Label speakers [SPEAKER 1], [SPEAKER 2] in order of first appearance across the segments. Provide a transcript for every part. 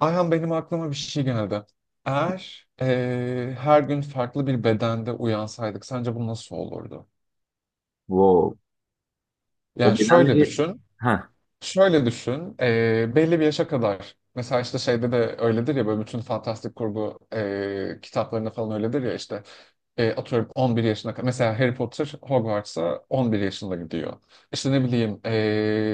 [SPEAKER 1] Ayhan, benim aklıma bir şey geldi. Eğer her gün farklı bir bedende uyansaydık, sence bu nasıl olurdu?
[SPEAKER 2] Wow.
[SPEAKER 1] Yani
[SPEAKER 2] O
[SPEAKER 1] şöyle
[SPEAKER 2] bedenleri...
[SPEAKER 1] düşün.
[SPEAKER 2] Ha,
[SPEAKER 1] Şöyle düşün, belli bir yaşa kadar. Mesela işte şeyde de öyledir ya, böyle bütün fantastik kurgu kitaplarında falan öyledir ya işte, atıyorum 11 yaşına kadar. Mesela Harry Potter Hogwarts'a 11 yaşında gidiyor. İşte ne bileyim,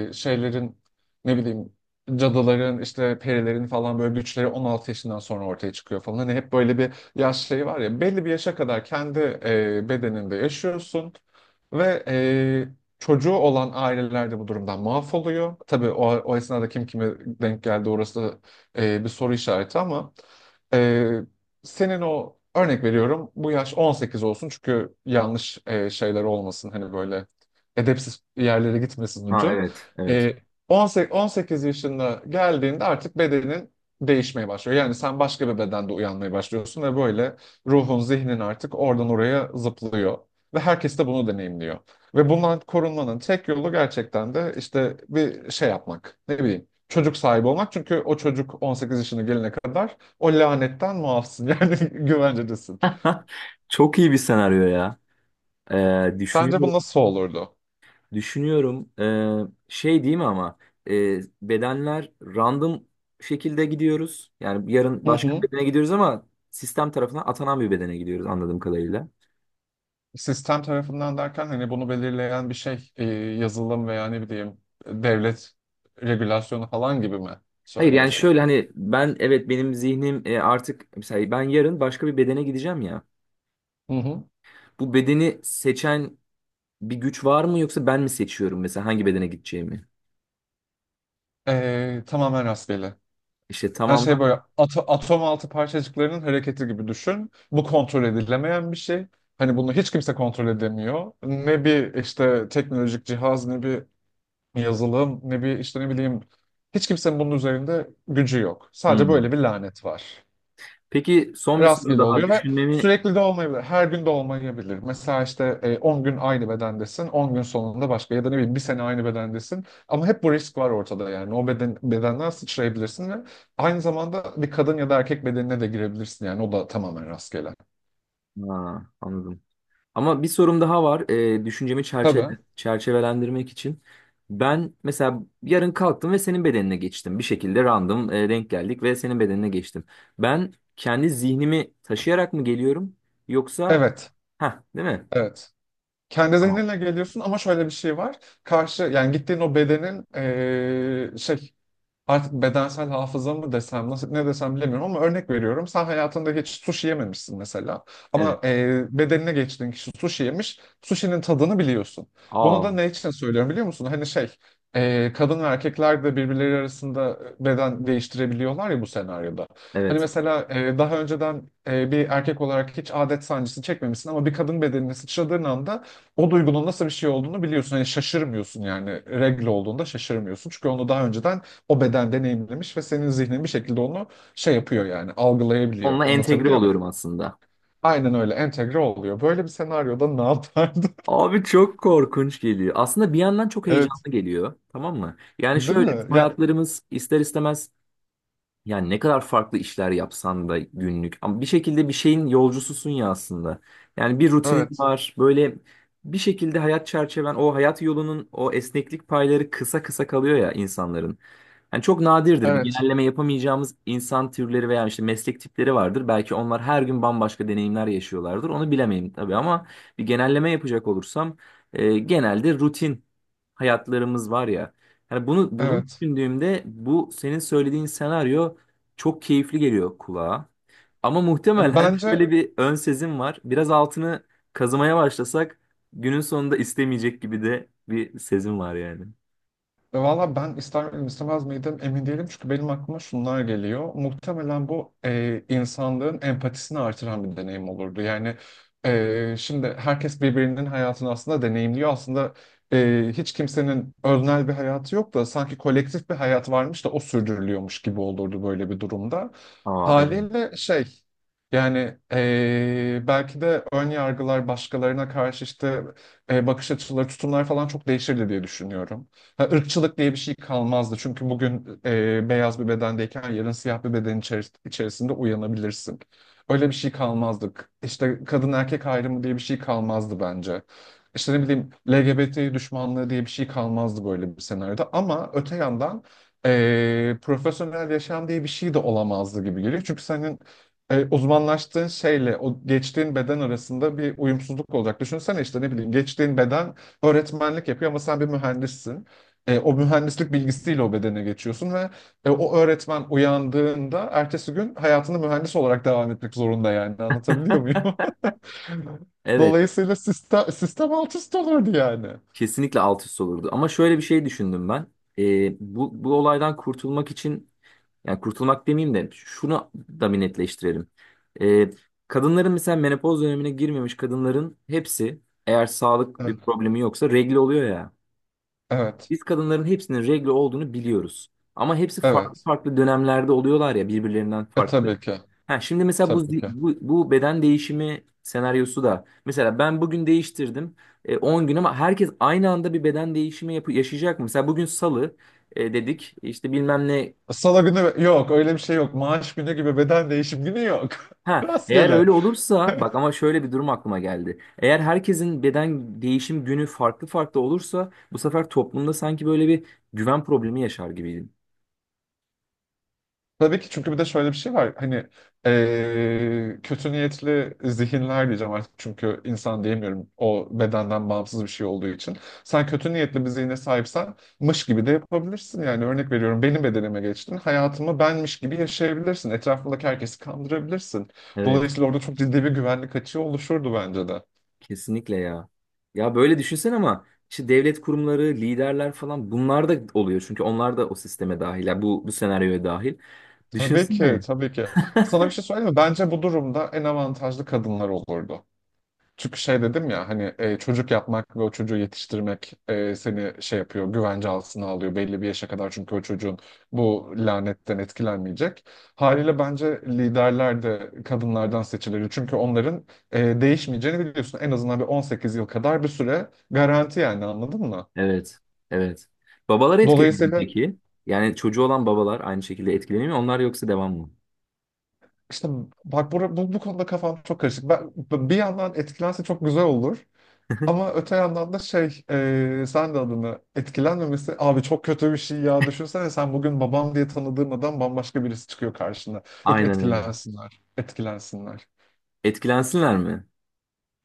[SPEAKER 1] şeylerin, ne bileyim, cadıların, işte perilerin falan böyle güçleri 16 yaşından sonra ortaya çıkıyor falan. Hani hep böyle bir yaş şeyi var ya, belli bir yaşa kadar kendi bedeninde yaşıyorsun. Ve Çocuğu olan aileler de bu durumdan mahvoluyor. Tabii o esnada kim kime denk geldi, orası da bir soru işareti, ama e, senin, o örnek veriyorum, bu yaş 18 olsun çünkü yanlış şeyler olmasın, hani böyle edepsiz yerlere gitmesin
[SPEAKER 2] ha
[SPEAKER 1] ucu.
[SPEAKER 2] evet, evet.
[SPEAKER 1] E, 18, 18 yaşında geldiğinde artık bedenin değişmeye başlıyor. Yani sen başka bir bedende uyanmaya başlıyorsun ve böyle ruhun, zihnin artık oradan oraya zıplıyor ve herkes de bunu deneyimliyor. Ve bundan korunmanın tek yolu gerçekten de işte bir şey yapmak. Ne bileyim, çocuk sahibi olmak. Çünkü o çocuk 18 yaşına gelene kadar o lanetten muafsın. Yani güvencedesin.
[SPEAKER 2] Çok iyi bir senaryo ya.
[SPEAKER 1] Sence bu
[SPEAKER 2] Düşünüyorum,
[SPEAKER 1] nasıl olurdu?
[SPEAKER 2] düşünüyorum. Şey değil mi ama bedenler random şekilde gidiyoruz. Yani yarın
[SPEAKER 1] Hı
[SPEAKER 2] başka bir
[SPEAKER 1] hı.
[SPEAKER 2] bedene gidiyoruz ama sistem tarafından atanan bir bedene gidiyoruz anladığım kadarıyla.
[SPEAKER 1] Sistem tarafından derken, hani bunu belirleyen bir şey, yazılım veya ne bileyim devlet regülasyonu falan gibi mi
[SPEAKER 2] Hayır yani
[SPEAKER 1] söylüyorsun?
[SPEAKER 2] şöyle hani ben, evet, benim zihnim artık mesela ben yarın başka bir bedene gideceğim ya.
[SPEAKER 1] Hı hı.
[SPEAKER 2] Bu bedeni seçen bir güç var mı yoksa ben mi seçiyorum mesela hangi bedene gideceğimi?
[SPEAKER 1] Tamamen rastgele.
[SPEAKER 2] İşte
[SPEAKER 1] Hani
[SPEAKER 2] tamam.
[SPEAKER 1] şey, böyle atom altı parçacıklarının hareketi gibi düşün. Bu kontrol edilemeyen bir şey. Hani bunu hiç kimse kontrol edemiyor. Ne bir işte teknolojik cihaz, ne bir yazılım, ne bir işte, ne bileyim, hiç kimsenin bunun üzerinde gücü yok. Sadece böyle
[SPEAKER 2] Hmm.
[SPEAKER 1] bir lanet var.
[SPEAKER 2] Peki son bir soru
[SPEAKER 1] Rastgele
[SPEAKER 2] daha
[SPEAKER 1] oluyor ve
[SPEAKER 2] düşünmemi...
[SPEAKER 1] sürekli de olmayabilir. Her gün de olmayabilir. Mesela işte 10 gün aynı bedendesin, 10 gün sonunda başka, ya da ne bileyim bir sene aynı bedendesin. Ama hep bu risk var ortada yani. Bedenden sıçrayabilirsin ve aynı zamanda bir kadın ya da erkek bedenine de girebilirsin yani. O da tamamen rastgele.
[SPEAKER 2] Aa, anladım. Ama bir sorum daha var. Düşüncemi
[SPEAKER 1] Tabii.
[SPEAKER 2] çerçevelendirmek için. Ben mesela yarın kalktım ve senin bedenine geçtim. Bir şekilde random denk geldik ve senin bedenine geçtim. Ben kendi zihnimi taşıyarak mı geliyorum yoksa
[SPEAKER 1] Evet.
[SPEAKER 2] ha, değil mi?
[SPEAKER 1] Evet. Kendi
[SPEAKER 2] Tamam.
[SPEAKER 1] zihninle geliyorsun, ama şöyle bir şey var. Karşı yani gittiğin o bedenin şey, artık bedensel hafıza mı desem, nasıl ne desem bilemiyorum, ama örnek veriyorum. Sen hayatında hiç sushi yememişsin mesela,
[SPEAKER 2] Evet.
[SPEAKER 1] ama bedenine geçtiğin kişi sushi yemiş. Sushi'nin tadını biliyorsun. Bunu da
[SPEAKER 2] Aa,
[SPEAKER 1] ne için söylüyorum biliyor musun? Hani şey, kadın ve erkekler de birbirleri arasında beden değiştirebiliyorlar ya bu senaryoda. Hani
[SPEAKER 2] evet.
[SPEAKER 1] mesela daha önceden bir erkek olarak hiç adet sancısı çekmemişsin, ama bir kadın bedenine sıçradığın anda o duygunun nasıl bir şey olduğunu biliyorsun. Hani şaşırmıyorsun yani, regle olduğunda şaşırmıyorsun. Çünkü onu daha önceden o beden deneyimlemiş ve senin zihnin bir şekilde onu şey yapıyor, yani algılayabiliyor.
[SPEAKER 2] Onunla entegre
[SPEAKER 1] Anlatabiliyor
[SPEAKER 2] oluyorum
[SPEAKER 1] muyum?
[SPEAKER 2] aslında.
[SPEAKER 1] Aynen öyle entegre oluyor. Böyle bir senaryoda ne yapardın?
[SPEAKER 2] Abi çok korkunç geliyor. Aslında bir yandan çok
[SPEAKER 1] Evet,
[SPEAKER 2] heyecanlı geliyor. Tamam mı? Yani
[SPEAKER 1] değil
[SPEAKER 2] şöyle,
[SPEAKER 1] mi?
[SPEAKER 2] bizim
[SPEAKER 1] Ya,
[SPEAKER 2] hayatlarımız ister istemez, yani ne kadar farklı işler yapsan da günlük. Ama bir şekilde bir şeyin yolcususun ya aslında. Yani bir rutinin
[SPEAKER 1] evet,
[SPEAKER 2] var. Böyle bir şekilde hayat çerçeven, o hayat yolunun o esneklik payları kısa kısa kalıyor ya insanların. Yani çok nadirdir. Bir
[SPEAKER 1] evet,
[SPEAKER 2] genelleme yapamayacağımız insan türleri veya işte meslek tipleri vardır. Belki onlar her gün bambaşka deneyimler yaşıyorlardır. Onu bilemeyim tabii ama bir genelleme yapacak olursam genelde rutin hayatlarımız var ya. Yani bunu
[SPEAKER 1] evet.
[SPEAKER 2] düşündüğümde bu senin söylediğin senaryo çok keyifli geliyor kulağa. Ama
[SPEAKER 1] E,
[SPEAKER 2] muhtemelen
[SPEAKER 1] Bence
[SPEAKER 2] şöyle bir ön sezim var. Biraz altını kazımaya başlasak günün sonunda istemeyecek gibi de bir sezim var yani.
[SPEAKER 1] Ve Valla, ben ister miydim istemez miydim emin değilim, çünkü benim aklıma şunlar geliyor. Muhtemelen bu, insanlığın empatisini artıran bir deneyim olurdu. Yani şimdi herkes birbirinin hayatını aslında deneyimliyor. Aslında hiç kimsenin öznel bir hayatı yok da, sanki kolektif bir hayat varmış da o sürdürülüyormuş gibi olurdu böyle bir durumda.
[SPEAKER 2] Aa, evet.
[SPEAKER 1] Haliyle şey, yani belki de ön yargılar, başkalarına karşı işte bakış açıları, tutumlar falan çok değişirdi diye düşünüyorum. Ha, ırkçılık diye bir şey kalmazdı. Çünkü bugün beyaz bir bedendeyken yarın siyah bir beden içerisinde uyanabilirsin. Öyle bir şey kalmazdı. İşte kadın erkek ayrımı diye bir şey kalmazdı bence. İşte ne bileyim, LGBT düşmanlığı diye bir şey kalmazdı böyle bir senaryoda. Ama öte yandan profesyonel yaşam diye bir şey de olamazdı gibi geliyor. Çünkü senin uzmanlaştığın şeyle o geçtiğin beden arasında bir uyumsuzluk olacak. Düşünsene, işte ne bileyim, geçtiğin beden öğretmenlik yapıyor ama sen bir mühendissin. O mühendislik bilgisiyle o bedene geçiyorsun ve o öğretmen uyandığında ertesi gün hayatını mühendis olarak devam etmek zorunda yani. Anlatabiliyor muyum?
[SPEAKER 2] Evet,
[SPEAKER 1] Dolayısıyla sistem alt üst olurdu yani.
[SPEAKER 2] kesinlikle alt üst olurdu. Ama şöyle bir şey düşündüm ben. Bu olaydan kurtulmak için, yani kurtulmak demeyeyim de şunu da bir netleştirelim. Ee, Kadınların, mesela menopoz dönemine girmemiş kadınların hepsi, eğer sağlık
[SPEAKER 1] Evet.
[SPEAKER 2] bir problemi yoksa regl oluyor ya.
[SPEAKER 1] Evet.
[SPEAKER 2] Biz kadınların hepsinin regle olduğunu biliyoruz. Ama hepsi farklı
[SPEAKER 1] Evet.
[SPEAKER 2] farklı dönemlerde oluyorlar ya, birbirlerinden farklı.
[SPEAKER 1] Tabii ki.
[SPEAKER 2] Ha, şimdi mesela bu,
[SPEAKER 1] Tabii
[SPEAKER 2] zi-
[SPEAKER 1] ki.
[SPEAKER 2] bu, bu beden değişimi senaryosu da, mesela ben bugün değiştirdim, 10 gün, ama herkes aynı anda bir beden değişimi yaşayacak mı? Mesela bugün salı dedik işte bilmem ne.
[SPEAKER 1] Salı günü yok, öyle bir şey yok. Maaş günü gibi beden değişim günü yok.
[SPEAKER 2] Ha, eğer
[SPEAKER 1] Rastgele.
[SPEAKER 2] öyle olursa bak, ama şöyle bir durum aklıma geldi. Eğer herkesin beden değişim günü farklı farklı olursa bu sefer toplumda sanki böyle bir güven problemi yaşar gibiydim.
[SPEAKER 1] Tabii ki, çünkü bir de şöyle bir şey var. Hani, kötü niyetli zihinler diyeceğim artık. Çünkü insan diyemiyorum, o bedenden bağımsız bir şey olduğu için. Sen kötü niyetli bir zihne sahipsen, mış gibi de yapabilirsin. Yani örnek veriyorum, benim bedenime geçtin. Hayatımı benmiş gibi yaşayabilirsin. Etrafındaki herkesi kandırabilirsin.
[SPEAKER 2] Evet.
[SPEAKER 1] Dolayısıyla orada çok ciddi bir güvenlik açığı oluşurdu bence de.
[SPEAKER 2] Kesinlikle ya. Ya böyle düşünsen, ama işte devlet kurumları, liderler falan, bunlar da oluyor. Çünkü onlar da o sisteme dahil. Ya bu senaryoya dahil.
[SPEAKER 1] Tabii ki,
[SPEAKER 2] Düşünsene.
[SPEAKER 1] tabii ki. Sana bir şey söyleyeyim mi? Bence bu durumda en avantajlı kadınlar olurdu. Çünkü şey, dedim ya hani çocuk yapmak ve o çocuğu yetiştirmek seni şey yapıyor, güvence altına alıyor belli bir yaşa kadar, çünkü o çocuğun bu lanetten etkilenmeyecek. Haliyle bence liderler de kadınlardan seçilir. Çünkü onların değişmeyeceğini biliyorsun. En azından bir 18 yıl kadar bir süre garanti yani, anladın mı?
[SPEAKER 2] Evet. Evet. Babalar etkileniyor mu
[SPEAKER 1] Dolayısıyla
[SPEAKER 2] peki? Yani çocuğu olan babalar aynı şekilde etkileniyor mu? Onlar yoksa devam mı?
[SPEAKER 1] işte, bak bu konuda kafam çok karışık. Ben, bir yandan etkilense çok güzel olur. Ama öte yandan da sen de adını etkilenmemesi, abi çok kötü bir şey ya, düşünsene, sen bugün babam diye tanıdığın adam bambaşka birisi çıkıyor karşına. Yok,
[SPEAKER 2] Aynen öyle.
[SPEAKER 1] etkilensinler, etkilensinler,
[SPEAKER 2] Etkilensinler mi?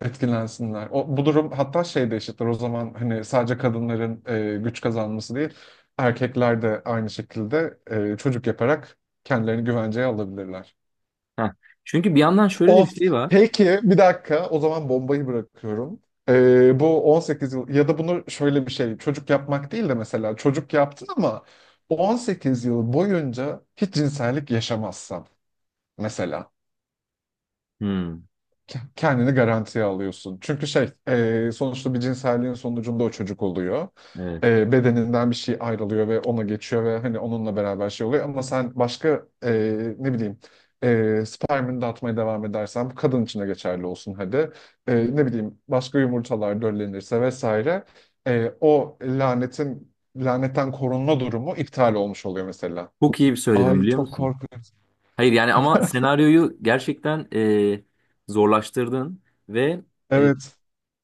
[SPEAKER 1] etkilensinler. Bu durum hatta şey de eşittir o zaman, hani sadece kadınların güç kazanması değil, erkekler de aynı şekilde çocuk yaparak kendilerini güvenceye alabilirler.
[SPEAKER 2] Heh. Çünkü bir yandan şöyle de bir
[SPEAKER 1] Of.
[SPEAKER 2] şey var.
[SPEAKER 1] Peki bir dakika, o zaman bombayı bırakıyorum. Bu 18 yıl ya da bunu şöyle bir şey, çocuk yapmak değil de mesela çocuk yaptın ama 18 yıl boyunca hiç cinsellik yaşamazsan, mesela
[SPEAKER 2] Hmm,
[SPEAKER 1] kendini garantiye alıyorsun. Çünkü şey, sonuçta bir cinselliğin sonucunda o çocuk oluyor.
[SPEAKER 2] evet.
[SPEAKER 1] Bedeninden bir şey ayrılıyor ve ona geçiyor ve hani onunla beraber şey oluyor. Ama sen başka, ne bileyim, spermini dağıtmaya devam edersen, bu kadın için de geçerli olsun hadi. Ne bileyim, başka yumurtalar döllenirse vesaire, o lanetten korunma durumu iptal olmuş oluyor mesela.
[SPEAKER 2] Çok iyi bir söyledim
[SPEAKER 1] Ay,
[SPEAKER 2] biliyor
[SPEAKER 1] çok
[SPEAKER 2] musun?
[SPEAKER 1] korkunç.
[SPEAKER 2] Hayır yani, ama senaryoyu gerçekten zorlaştırdın ve e,
[SPEAKER 1] Evet.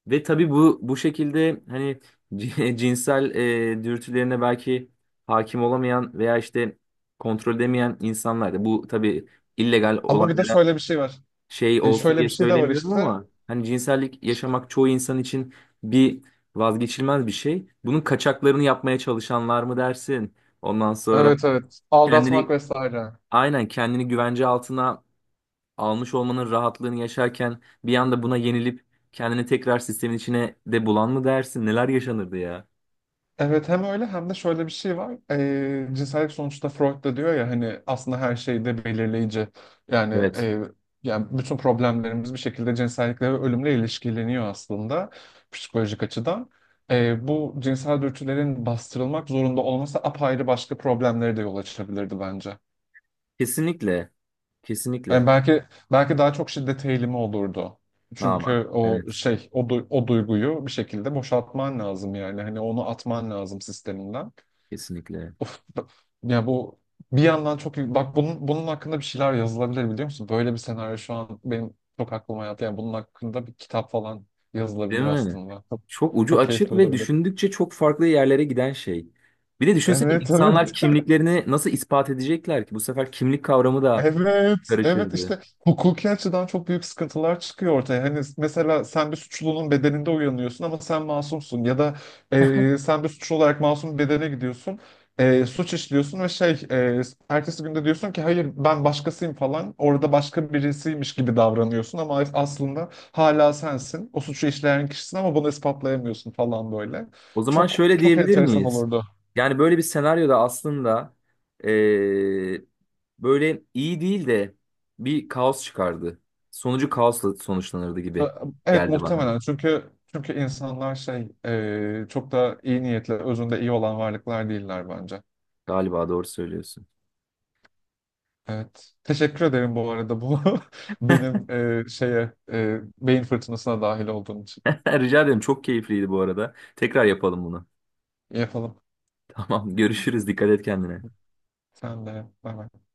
[SPEAKER 2] ve tabii bu bu şekilde hani cinsel dürtülerine belki hakim olamayan veya işte kontrol edemeyen insanlar da bu tabii illegal
[SPEAKER 1] Ama bir de
[SPEAKER 2] olaylara
[SPEAKER 1] şöyle bir şey var.
[SPEAKER 2] şey olsun
[SPEAKER 1] Şöyle
[SPEAKER 2] diye
[SPEAKER 1] bir şey de var
[SPEAKER 2] söylemiyorum,
[SPEAKER 1] işte.
[SPEAKER 2] ama hani cinsellik yaşamak çoğu insan için bir vazgeçilmez bir şey. Bunun kaçaklarını yapmaya çalışanlar mı dersin? Ondan sonra
[SPEAKER 1] Evet, evet. Aldatmak
[SPEAKER 2] kendini
[SPEAKER 1] vesaire.
[SPEAKER 2] aynen kendini güvence altına almış olmanın rahatlığını yaşarken bir anda buna yenilip kendini tekrar sistemin içine de bulan mı dersin? Neler yaşanırdı ya?
[SPEAKER 1] Evet, hem öyle hem de şöyle bir şey var. Cinsellik, sonuçta Freud da diyor ya hani, aslında her şey de belirleyici. Yani
[SPEAKER 2] Evet.
[SPEAKER 1] e, yani bütün problemlerimiz bir şekilde cinsellikle ve ölümle ilişkileniyor aslında, psikolojik açıdan. Bu cinsel dürtülerin bastırılmak zorunda olması, apayrı başka problemlere de yol açabilirdi bence.
[SPEAKER 2] Kesinlikle. Kesinlikle.
[SPEAKER 1] Yani belki, daha çok şiddet eğilimi olurdu.
[SPEAKER 2] Ha
[SPEAKER 1] Çünkü
[SPEAKER 2] bak.
[SPEAKER 1] o
[SPEAKER 2] Evet.
[SPEAKER 1] şey o, du- o duyguyu bir şekilde boşaltman lazım yani. Hani onu atman lazım sisteminden.
[SPEAKER 2] Kesinlikle.
[SPEAKER 1] Of, ya bu bir yandan bak, bunun hakkında bir şeyler yazılabilir biliyor musun? Böyle bir senaryo şu an benim çok aklıma yattı. Yani bunun hakkında bir kitap falan
[SPEAKER 2] Değil
[SPEAKER 1] yazılabilir
[SPEAKER 2] mi?
[SPEAKER 1] aslında. Çok,
[SPEAKER 2] Çok ucu
[SPEAKER 1] çok
[SPEAKER 2] açık
[SPEAKER 1] keyifli
[SPEAKER 2] ve
[SPEAKER 1] olabilir.
[SPEAKER 2] düşündükçe çok farklı yerlere giden şey. Bir de düşünsene,
[SPEAKER 1] Evet, evet.
[SPEAKER 2] insanlar kimliklerini nasıl ispat edecekler ki? Bu sefer kimlik kavramı da
[SPEAKER 1] Evet, evet,
[SPEAKER 2] karışırdı.
[SPEAKER 1] işte hukuki açıdan çok büyük sıkıntılar çıkıyor ortaya. Hani mesela sen bir suçlunun bedeninde uyanıyorsun ama sen masumsun, ya da sen bir suçlu olarak masum bir bedene gidiyorsun. Suç işliyorsun ve ertesi günde diyorsun ki hayır ben başkasıyım falan. Orada başka birisiymiş gibi davranıyorsun ama aslında hala sensin. O suçu işleyen kişisin ama bunu ispatlayamıyorsun falan, böyle.
[SPEAKER 2] O zaman
[SPEAKER 1] Çok
[SPEAKER 2] şöyle
[SPEAKER 1] çok
[SPEAKER 2] diyebilir
[SPEAKER 1] enteresan
[SPEAKER 2] miyiz?
[SPEAKER 1] olurdu.
[SPEAKER 2] Yani böyle bir senaryoda aslında eee, böyle iyi değil de bir kaos çıkardı. Sonucu kaosla sonuçlanırdı gibi
[SPEAKER 1] Evet
[SPEAKER 2] geldi bana.
[SPEAKER 1] muhtemelen, çünkü insanlar şey, çok da iyi niyetli, özünde iyi olan varlıklar değiller bence.
[SPEAKER 2] Galiba doğru söylüyorsun.
[SPEAKER 1] Evet. Teşekkür ederim bu arada, benim şeye beyin fırtınasına dahil olduğun için.
[SPEAKER 2] Rica ederim, çok keyifliydi bu arada. Tekrar yapalım bunu.
[SPEAKER 1] İyi, yapalım.
[SPEAKER 2] Tamam, görüşürüz, dikkat et kendine.
[SPEAKER 1] Sen de. Bay bay.